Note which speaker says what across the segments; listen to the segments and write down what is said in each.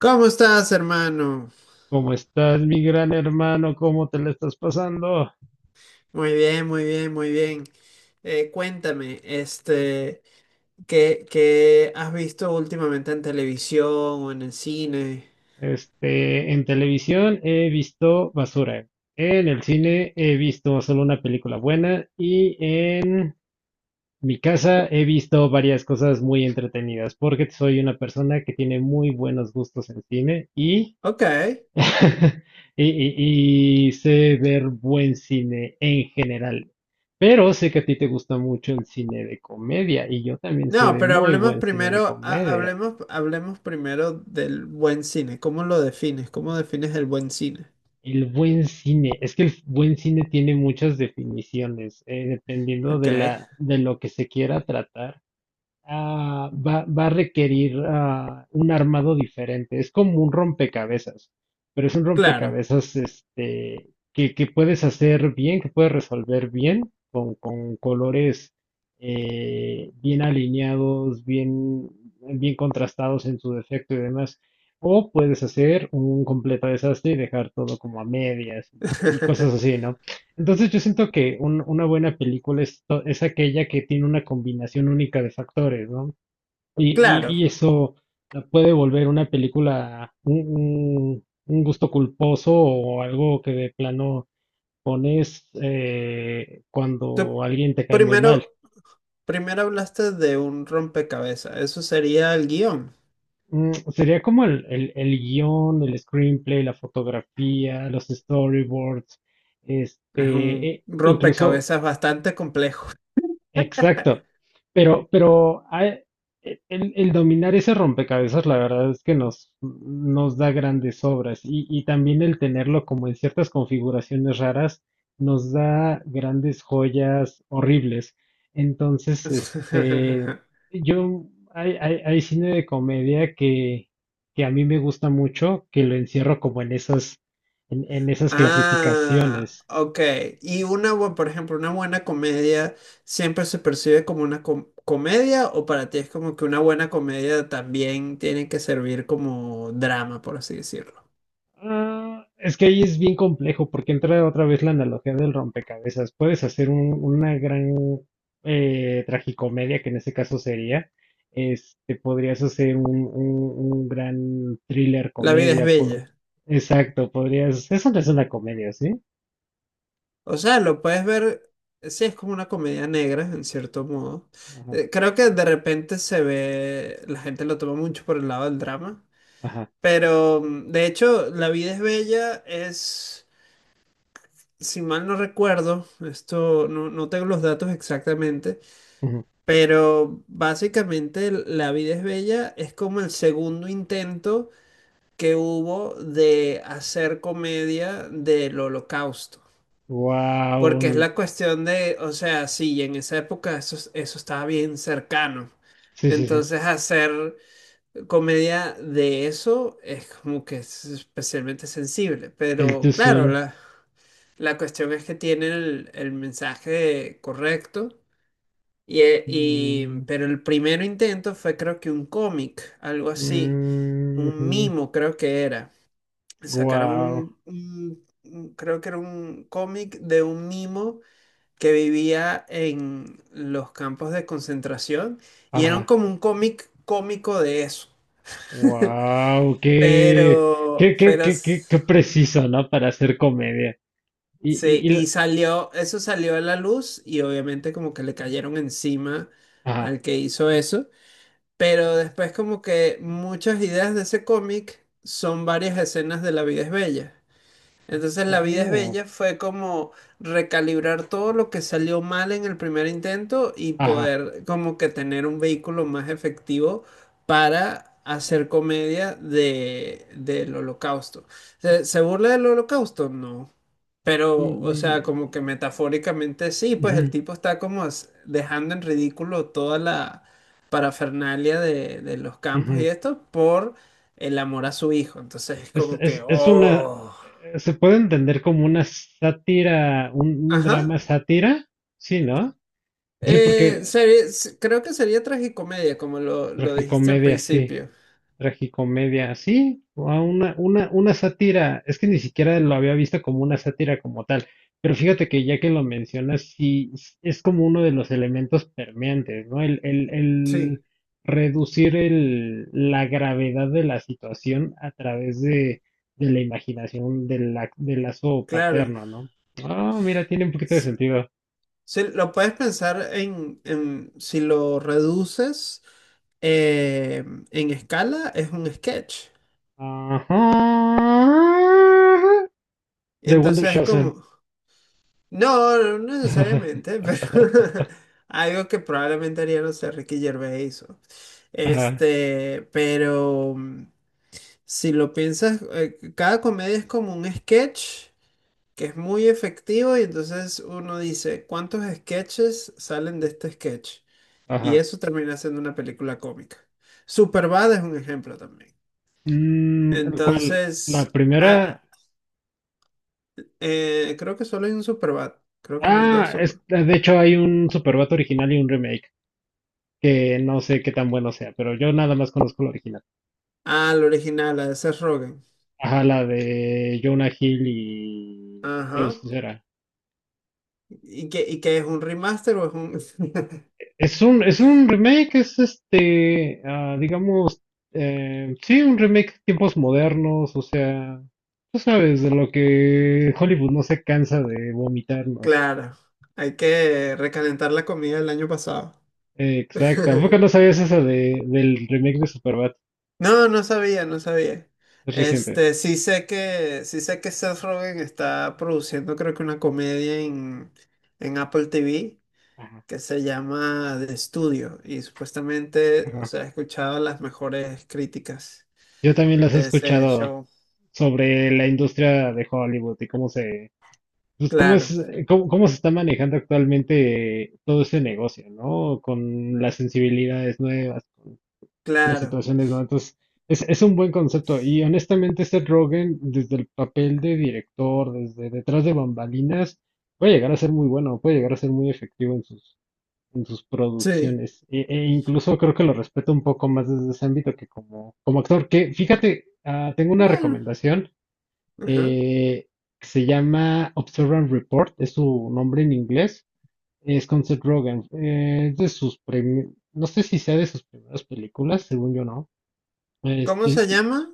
Speaker 1: ¿Cómo estás, hermano?
Speaker 2: ¿Cómo estás, mi gran hermano? ¿Cómo te la estás pasando?
Speaker 1: Muy bien, muy bien, muy bien. Cuéntame, ¿qué has visto últimamente en televisión o en el cine?
Speaker 2: Este, en televisión he visto basura. En el cine he visto solo una película buena y en mi casa he visto varias cosas muy entretenidas porque soy una persona que tiene muy buenos gustos en cine y,
Speaker 1: Ok.
Speaker 2: y, y sé ver buen cine en general. Pero sé que a ti te gusta mucho el cine de comedia y yo también sé
Speaker 1: No,
Speaker 2: de
Speaker 1: pero
Speaker 2: muy
Speaker 1: hablemos
Speaker 2: buen cine de
Speaker 1: primero, ha-
Speaker 2: comedia.
Speaker 1: hablemos, hablemos primero del buen cine. ¿Cómo lo defines? ¿Cómo defines el buen cine?
Speaker 2: El buen cine, es que el buen cine tiene muchas definiciones, dependiendo
Speaker 1: Ok.
Speaker 2: de de lo que se quiera tratar. Va a requerir un armado diferente. Es como un rompecabezas, pero es un
Speaker 1: Claro.
Speaker 2: rompecabezas este, que puedes hacer bien, que puedes resolver bien, con colores bien alineados, bien, bien contrastados en su defecto y demás. O puedes hacer un completo desastre y dejar todo como a medias y cosas así, ¿no? Entonces yo siento que una buena película es, es aquella que tiene una combinación única de factores, ¿no? Y
Speaker 1: Claro.
Speaker 2: eso la puede volver una película un gusto culposo o algo que de plano pones
Speaker 1: Tú
Speaker 2: cuando alguien te cae muy mal.
Speaker 1: primero, primero hablaste de un rompecabezas. Eso sería el guión.
Speaker 2: Mm, sería como el guión, el screenplay, la fotografía, los storyboards,
Speaker 1: Es
Speaker 2: este,
Speaker 1: un
Speaker 2: incluso.
Speaker 1: rompecabezas bastante complejo.
Speaker 2: Exacto. Pero, pero hay- el dominar ese rompecabezas, la verdad es que nos da grandes obras y también el tenerlo como en ciertas configuraciones raras nos da grandes joyas horribles. Entonces, este, yo, hay cine de comedia que a mí me gusta mucho, que lo encierro como en esas, en esas
Speaker 1: Ah,
Speaker 2: clasificaciones.
Speaker 1: ok. Y una, bu- por ejemplo, una buena comedia siempre se percibe como una com- comedia o para ti es como que una buena comedia también tiene que servir como drama, por así decirlo.
Speaker 2: Ah, es que ahí es bien complejo porque entra otra vez la analogía del rompecabezas. Puedes hacer una gran tragicomedia, que en este caso sería, este, podrías hacer un gran thriller
Speaker 1: La vida es
Speaker 2: comedia.
Speaker 1: bella.
Speaker 2: Exacto, podrías. Eso no es una comedia, ¿sí?
Speaker 1: O sea, lo puedes ver, sí, es como una comedia negra, en cierto modo.
Speaker 2: Ajá,
Speaker 1: Creo que de repente se ve, la gente lo toma mucho por el lado del drama.
Speaker 2: ajá.
Speaker 1: Pero de hecho, La vida es bella es, si mal no recuerdo, esto no, no tengo los datos exactamente, pero básicamente La vida es bella es como el segundo intento que hubo de hacer comedia del holocausto. Porque es
Speaker 2: Wow.
Speaker 1: la cuestión de, o sea, sí, en esa época eso, eso estaba bien cercano.
Speaker 2: Sí, sí, sí.
Speaker 1: Entonces hacer comedia de eso es como que es especialmente sensible,
Speaker 2: El
Speaker 1: pero
Speaker 2: Too
Speaker 1: claro,
Speaker 2: Soon.
Speaker 1: la cuestión es que tiene el mensaje correcto, y, pero el primer intento fue creo que un cómic, algo así, un mimo creo que era, sacaron
Speaker 2: Wow.
Speaker 1: un, creo que era un cómic de un mimo que vivía en los campos de concentración y era como un cómic cómico de eso.
Speaker 2: Wow,
Speaker 1: Pero,
Speaker 2: qué preciso, ¿no? Para hacer comedia. Y,
Speaker 1: sí,
Speaker 2: y, y la-
Speaker 1: y salió, eso salió a la luz y obviamente como que le cayeron encima
Speaker 2: ajá.
Speaker 1: al que hizo eso, pero después como que muchas ideas de ese cómic son varias escenas de La vida es bella. Entonces La vida es
Speaker 2: Oh,
Speaker 1: bella fue como recalibrar todo lo que salió mal en el primer intento y
Speaker 2: ajá.
Speaker 1: poder como que tener un vehículo más efectivo para hacer comedia de, del holocausto. ¿Se, se burla del holocausto? No.
Speaker 2: Mm,
Speaker 1: Pero, o
Speaker 2: mm,
Speaker 1: sea, como que metafóricamente sí, pues el
Speaker 2: ujú,
Speaker 1: tipo está como as- dejando en ridículo toda la parafernalia de los campos y
Speaker 2: ujú.
Speaker 1: esto por el amor a su hijo. Entonces es como que,
Speaker 2: Es una,
Speaker 1: oh.
Speaker 2: se puede entender como una sátira, un drama
Speaker 1: Ajá.
Speaker 2: sátira, sí, ¿no? Sí, porque
Speaker 1: Creo que sería tragicomedia, como lo dijiste al
Speaker 2: tragicomedia, sí.
Speaker 1: principio.
Speaker 2: Tragicomedia, sí, o a una sátira, es que ni siquiera lo había visto como una sátira como tal, pero fíjate que ya que lo mencionas, sí, es como uno de los elementos permeantes, ¿no?
Speaker 1: Sí,
Speaker 2: El reducir la gravedad de la situación a través de la imaginación del lazo
Speaker 1: claro.
Speaker 2: paterno, ¿no? Ah, mira, tiene un poquito de
Speaker 1: S-
Speaker 2: sentido.
Speaker 1: Sí, lo puedes pensar en si lo reduces eh, en escala, es un sketch.
Speaker 2: Ajá. De Wonder
Speaker 1: Entonces es
Speaker 2: Shosen.
Speaker 1: como, no, no necesariamente, pero algo que probablemente haría, no sé, Ricky Gervais o-
Speaker 2: Ajá,
Speaker 1: Este, pero si lo piensas, cada comedia es como un sketch que es muy efectivo y entonces uno dice, ¿cuántos sketches salen de este sketch? Y
Speaker 2: ajá.
Speaker 1: eso termina siendo una película cómica. Superbad es un ejemplo también.
Speaker 2: Mm, ¿cuál?
Speaker 1: Entonces,
Speaker 2: La primera.
Speaker 1: ah, creo que solo hay un Superbad. Creo que no hay dos
Speaker 2: Ah,
Speaker 1: Super.
Speaker 2: es, de hecho hay un Superbat original y un remake, que no sé qué tan bueno sea, pero yo nada más conozco la original.
Speaker 1: Ah, el original, la de Seth Rogen.
Speaker 2: Ajá, la de Jonah Hill y Joe
Speaker 1: Ajá.
Speaker 2: Cera.
Speaker 1: Y qué es un remaster o es un...?
Speaker 2: Es un remake, es este, ah, digamos, sí, un remake tiempos modernos, o sea, tú sabes de lo que Hollywood no se cansa de vomitarnos.
Speaker 1: Claro, hay que recalentar la comida del año pasado.
Speaker 2: Exacto, ¿a poco no sabías esa de, del remake de Superbad?
Speaker 1: No, no sabía, no sabía.
Speaker 2: Es reciente.
Speaker 1: Este, sí sé que Seth Rogen está produciendo, creo que una comedia en Apple TV
Speaker 2: Ajá,
Speaker 1: que se llama The Studio. Y supuestamente, o
Speaker 2: ajá.
Speaker 1: sea, he escuchado las mejores críticas
Speaker 2: Yo también las he
Speaker 1: de ese
Speaker 2: escuchado
Speaker 1: show.
Speaker 2: sobre la industria de Hollywood y cómo se, pues cómo es,
Speaker 1: Claro,
Speaker 2: cómo se está manejando actualmente todo ese negocio, ¿no? Con las sensibilidades nuevas, las
Speaker 1: claro.
Speaker 2: situaciones nuevas. Entonces, es un buen concepto. Y honestamente, Seth Rogen, desde el papel de director, desde detrás de bambalinas, puede llegar a ser muy bueno, puede llegar a ser muy efectivo en en sus
Speaker 1: Sí.
Speaker 2: producciones. E incluso creo que lo respeto un poco más desde ese ámbito que como, como actor. Que fíjate, ah, tengo una
Speaker 1: Bueno.
Speaker 2: recomendación
Speaker 1: Ajá.
Speaker 2: eh, que se llama Observe and Report, es su nombre en inglés, es con Seth Rogen. Es de sus no sé si sea de sus primeras películas, según yo no.
Speaker 1: ¿Cómo
Speaker 2: Este,
Speaker 1: se
Speaker 2: y
Speaker 1: llama?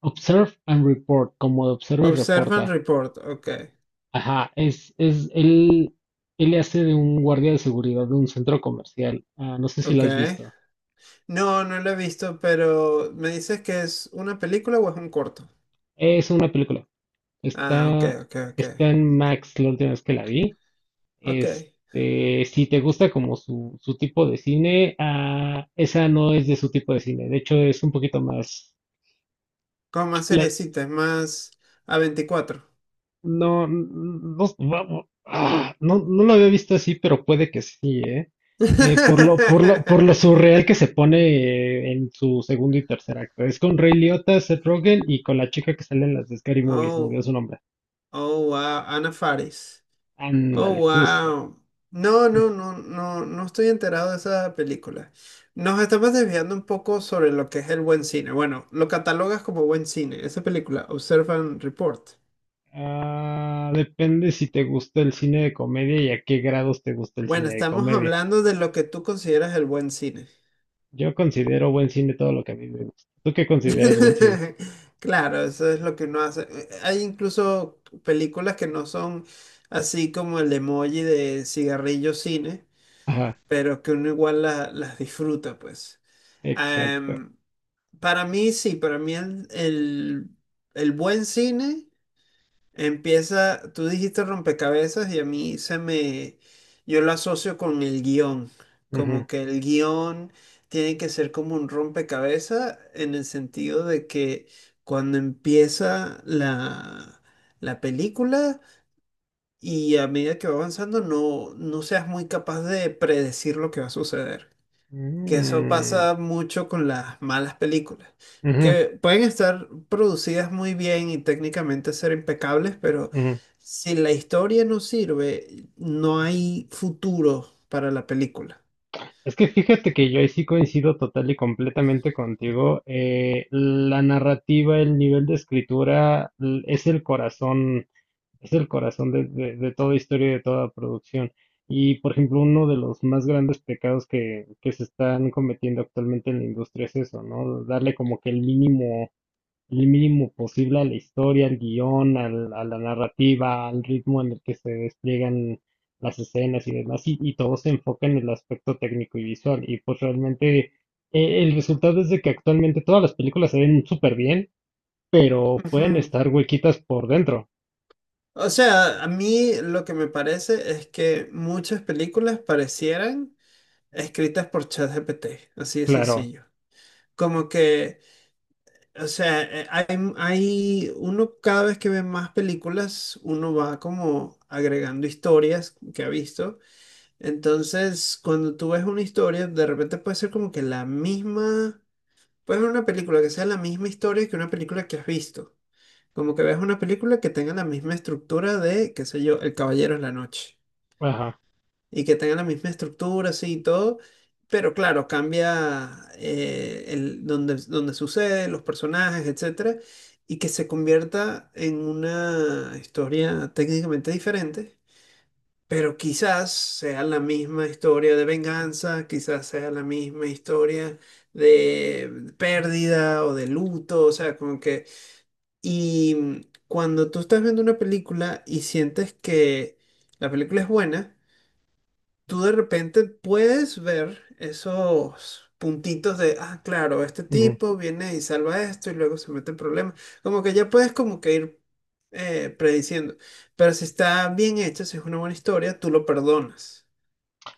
Speaker 2: Observe and Report, como de observa y
Speaker 1: Observe and
Speaker 2: reporta.
Speaker 1: Report. Ok,
Speaker 2: Ajá, él, él le hace de un guardia de seguridad de un centro comercial. Ah, no sé si lo
Speaker 1: ok.
Speaker 2: has visto.
Speaker 1: No, no lo he visto, pero ¿me dices que es una película o es un corto?
Speaker 2: Es una película.
Speaker 1: Ah, ok,
Speaker 2: Está,
Speaker 1: ok, ok.
Speaker 2: está en Max la última vez que la vi.
Speaker 1: Ok.
Speaker 2: Este, si te gusta como su tipo de cine, ah, esa no es de su tipo de cine. De hecho, es un poquito más.
Speaker 1: Con más
Speaker 2: la-
Speaker 1: seriecita, más a veinticuatro?
Speaker 2: no, no, vamos, ah, no, no lo había visto así, pero puede que sí, ¿eh? Por lo surreal que se pone en su segundo y tercer acto. Es con Ray Liotta, Seth Rogen y con la chica que sale en las de Scary Movie, se me olvidó
Speaker 1: Oh,
Speaker 2: su nombre.
Speaker 1: oh, wow. Ana Faris. Oh,
Speaker 2: Ándale, justo.
Speaker 1: wow. No, no, no, no, no estoy enterado de esa película. Nos estamos desviando un poco sobre lo que es el buen cine. Bueno, lo catalogas como buen cine, esa película, Observe and Report.
Speaker 2: Ah, depende si te gusta el cine de comedia y a qué grados te gusta el
Speaker 1: Bueno,
Speaker 2: cine de
Speaker 1: estamos
Speaker 2: comedia.
Speaker 1: hablando de lo que tú consideras el buen cine.
Speaker 2: Yo considero buen cine todo lo que a mí me gusta. ¿Tú qué consideras buen cine?
Speaker 1: Claro, eso es lo que uno hace. Hay incluso películas que no son así como el emoji de cigarrillo cine,
Speaker 2: Ajá,
Speaker 1: pero que uno igual las disfruta, pues.
Speaker 2: exacto.
Speaker 1: Am, para mí sí, para mí el buen cine empieza, tú dijiste rompecabezas y a mí se me, yo lo asocio con el guión,
Speaker 2: Ujú.
Speaker 1: como que el guión tiene que ser como un rompecabezas en el sentido de que cuando empieza la, la película y a medida que va avanzando no, no seas muy capaz de predecir lo que va a suceder, que eso
Speaker 2: Mm,
Speaker 1: pasa mucho con las malas películas,
Speaker 2: ujú,
Speaker 1: que pueden estar producidas muy bien y técnicamente ser impecables, pero
Speaker 2: ujú.
Speaker 1: si la historia no sirve, no hay futuro para la película.
Speaker 2: Es que fíjate que yo ahí sí coincido total y completamente contigo. La narrativa, el nivel de escritura es el corazón, es el corazón de, de toda historia y de toda producción. Y, por ejemplo, uno de los más grandes pecados que se están cometiendo actualmente en la industria es eso, ¿no? Darle como que el mínimo posible a la historia, al guión, a la narrativa, al ritmo en el que se despliegan las escenas y demás, y todo se enfoca en el aspecto técnico y visual. Y pues realmente el resultado es de que actualmente todas las películas se ven súper bien, pero pueden
Speaker 1: Ujú.
Speaker 2: estar huequitas por dentro.
Speaker 1: O sea, a mí lo que me parece es que muchas películas parecieran escritas por ChatGPT, así de
Speaker 2: Claro.
Speaker 1: sencillo. Como que o sea, hay, hay uno cada vez que ve más películas, uno va como agregando historias que ha visto. Entonces, cuando tú ves una historia, de repente puede ser como que la misma, puedes ver una película que sea la misma historia que una película que has visto. Como que ves una película que tenga la misma estructura de, qué sé yo, El Caballero de la Noche,
Speaker 2: Ajá.
Speaker 1: y que tengan la misma estructura, sí, y todo, pero claro, cambia el, donde, donde sucede, los personajes, etcétera, y que se convierta en una historia técnicamente diferente, pero quizás sea la misma historia de venganza, quizás sea la misma historia de pérdida o de luto, o sea, como que... Y cuando tú estás viendo una película y sientes que la película es buena, tú de repente puedes ver esos puntitos de, ah, claro, este
Speaker 2: Ujú.
Speaker 1: tipo viene y salva esto y luego se mete en problemas. Como que ya puedes como que ir prediciendo. Pero si está bien hecho, si es una buena historia, tú lo perdonas.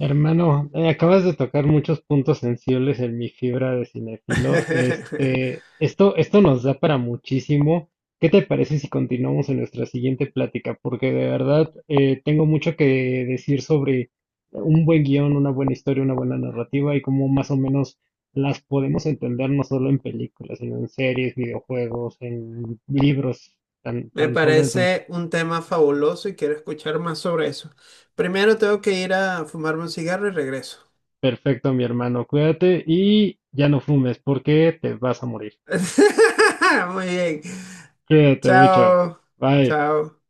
Speaker 2: Hermano, acabas de tocar muchos puntos sensibles en mi fibra de cinefilo. Este, esto nos da para muchísimo. ¿Qué te parece si continuamos en nuestra siguiente plática? Porque de verdad tengo mucho que decir sobre un buen guión, una buena historia, una buena narrativa y cómo más o menos las podemos entender no solo en películas, sino en series, videojuegos, en libros, tan,
Speaker 1: Me
Speaker 2: tan solo. Entonces,
Speaker 1: parece un tema fabuloso y quiero escuchar más sobre eso. Primero tengo que ir a fumarme un cigarro y regreso.
Speaker 2: perfecto, mi hermano. Cuídate y ya no fumes porque te vas a morir.
Speaker 1: Muy bien.
Speaker 2: Cuídate mucho.
Speaker 1: Chao.
Speaker 2: Bye.
Speaker 1: Chao.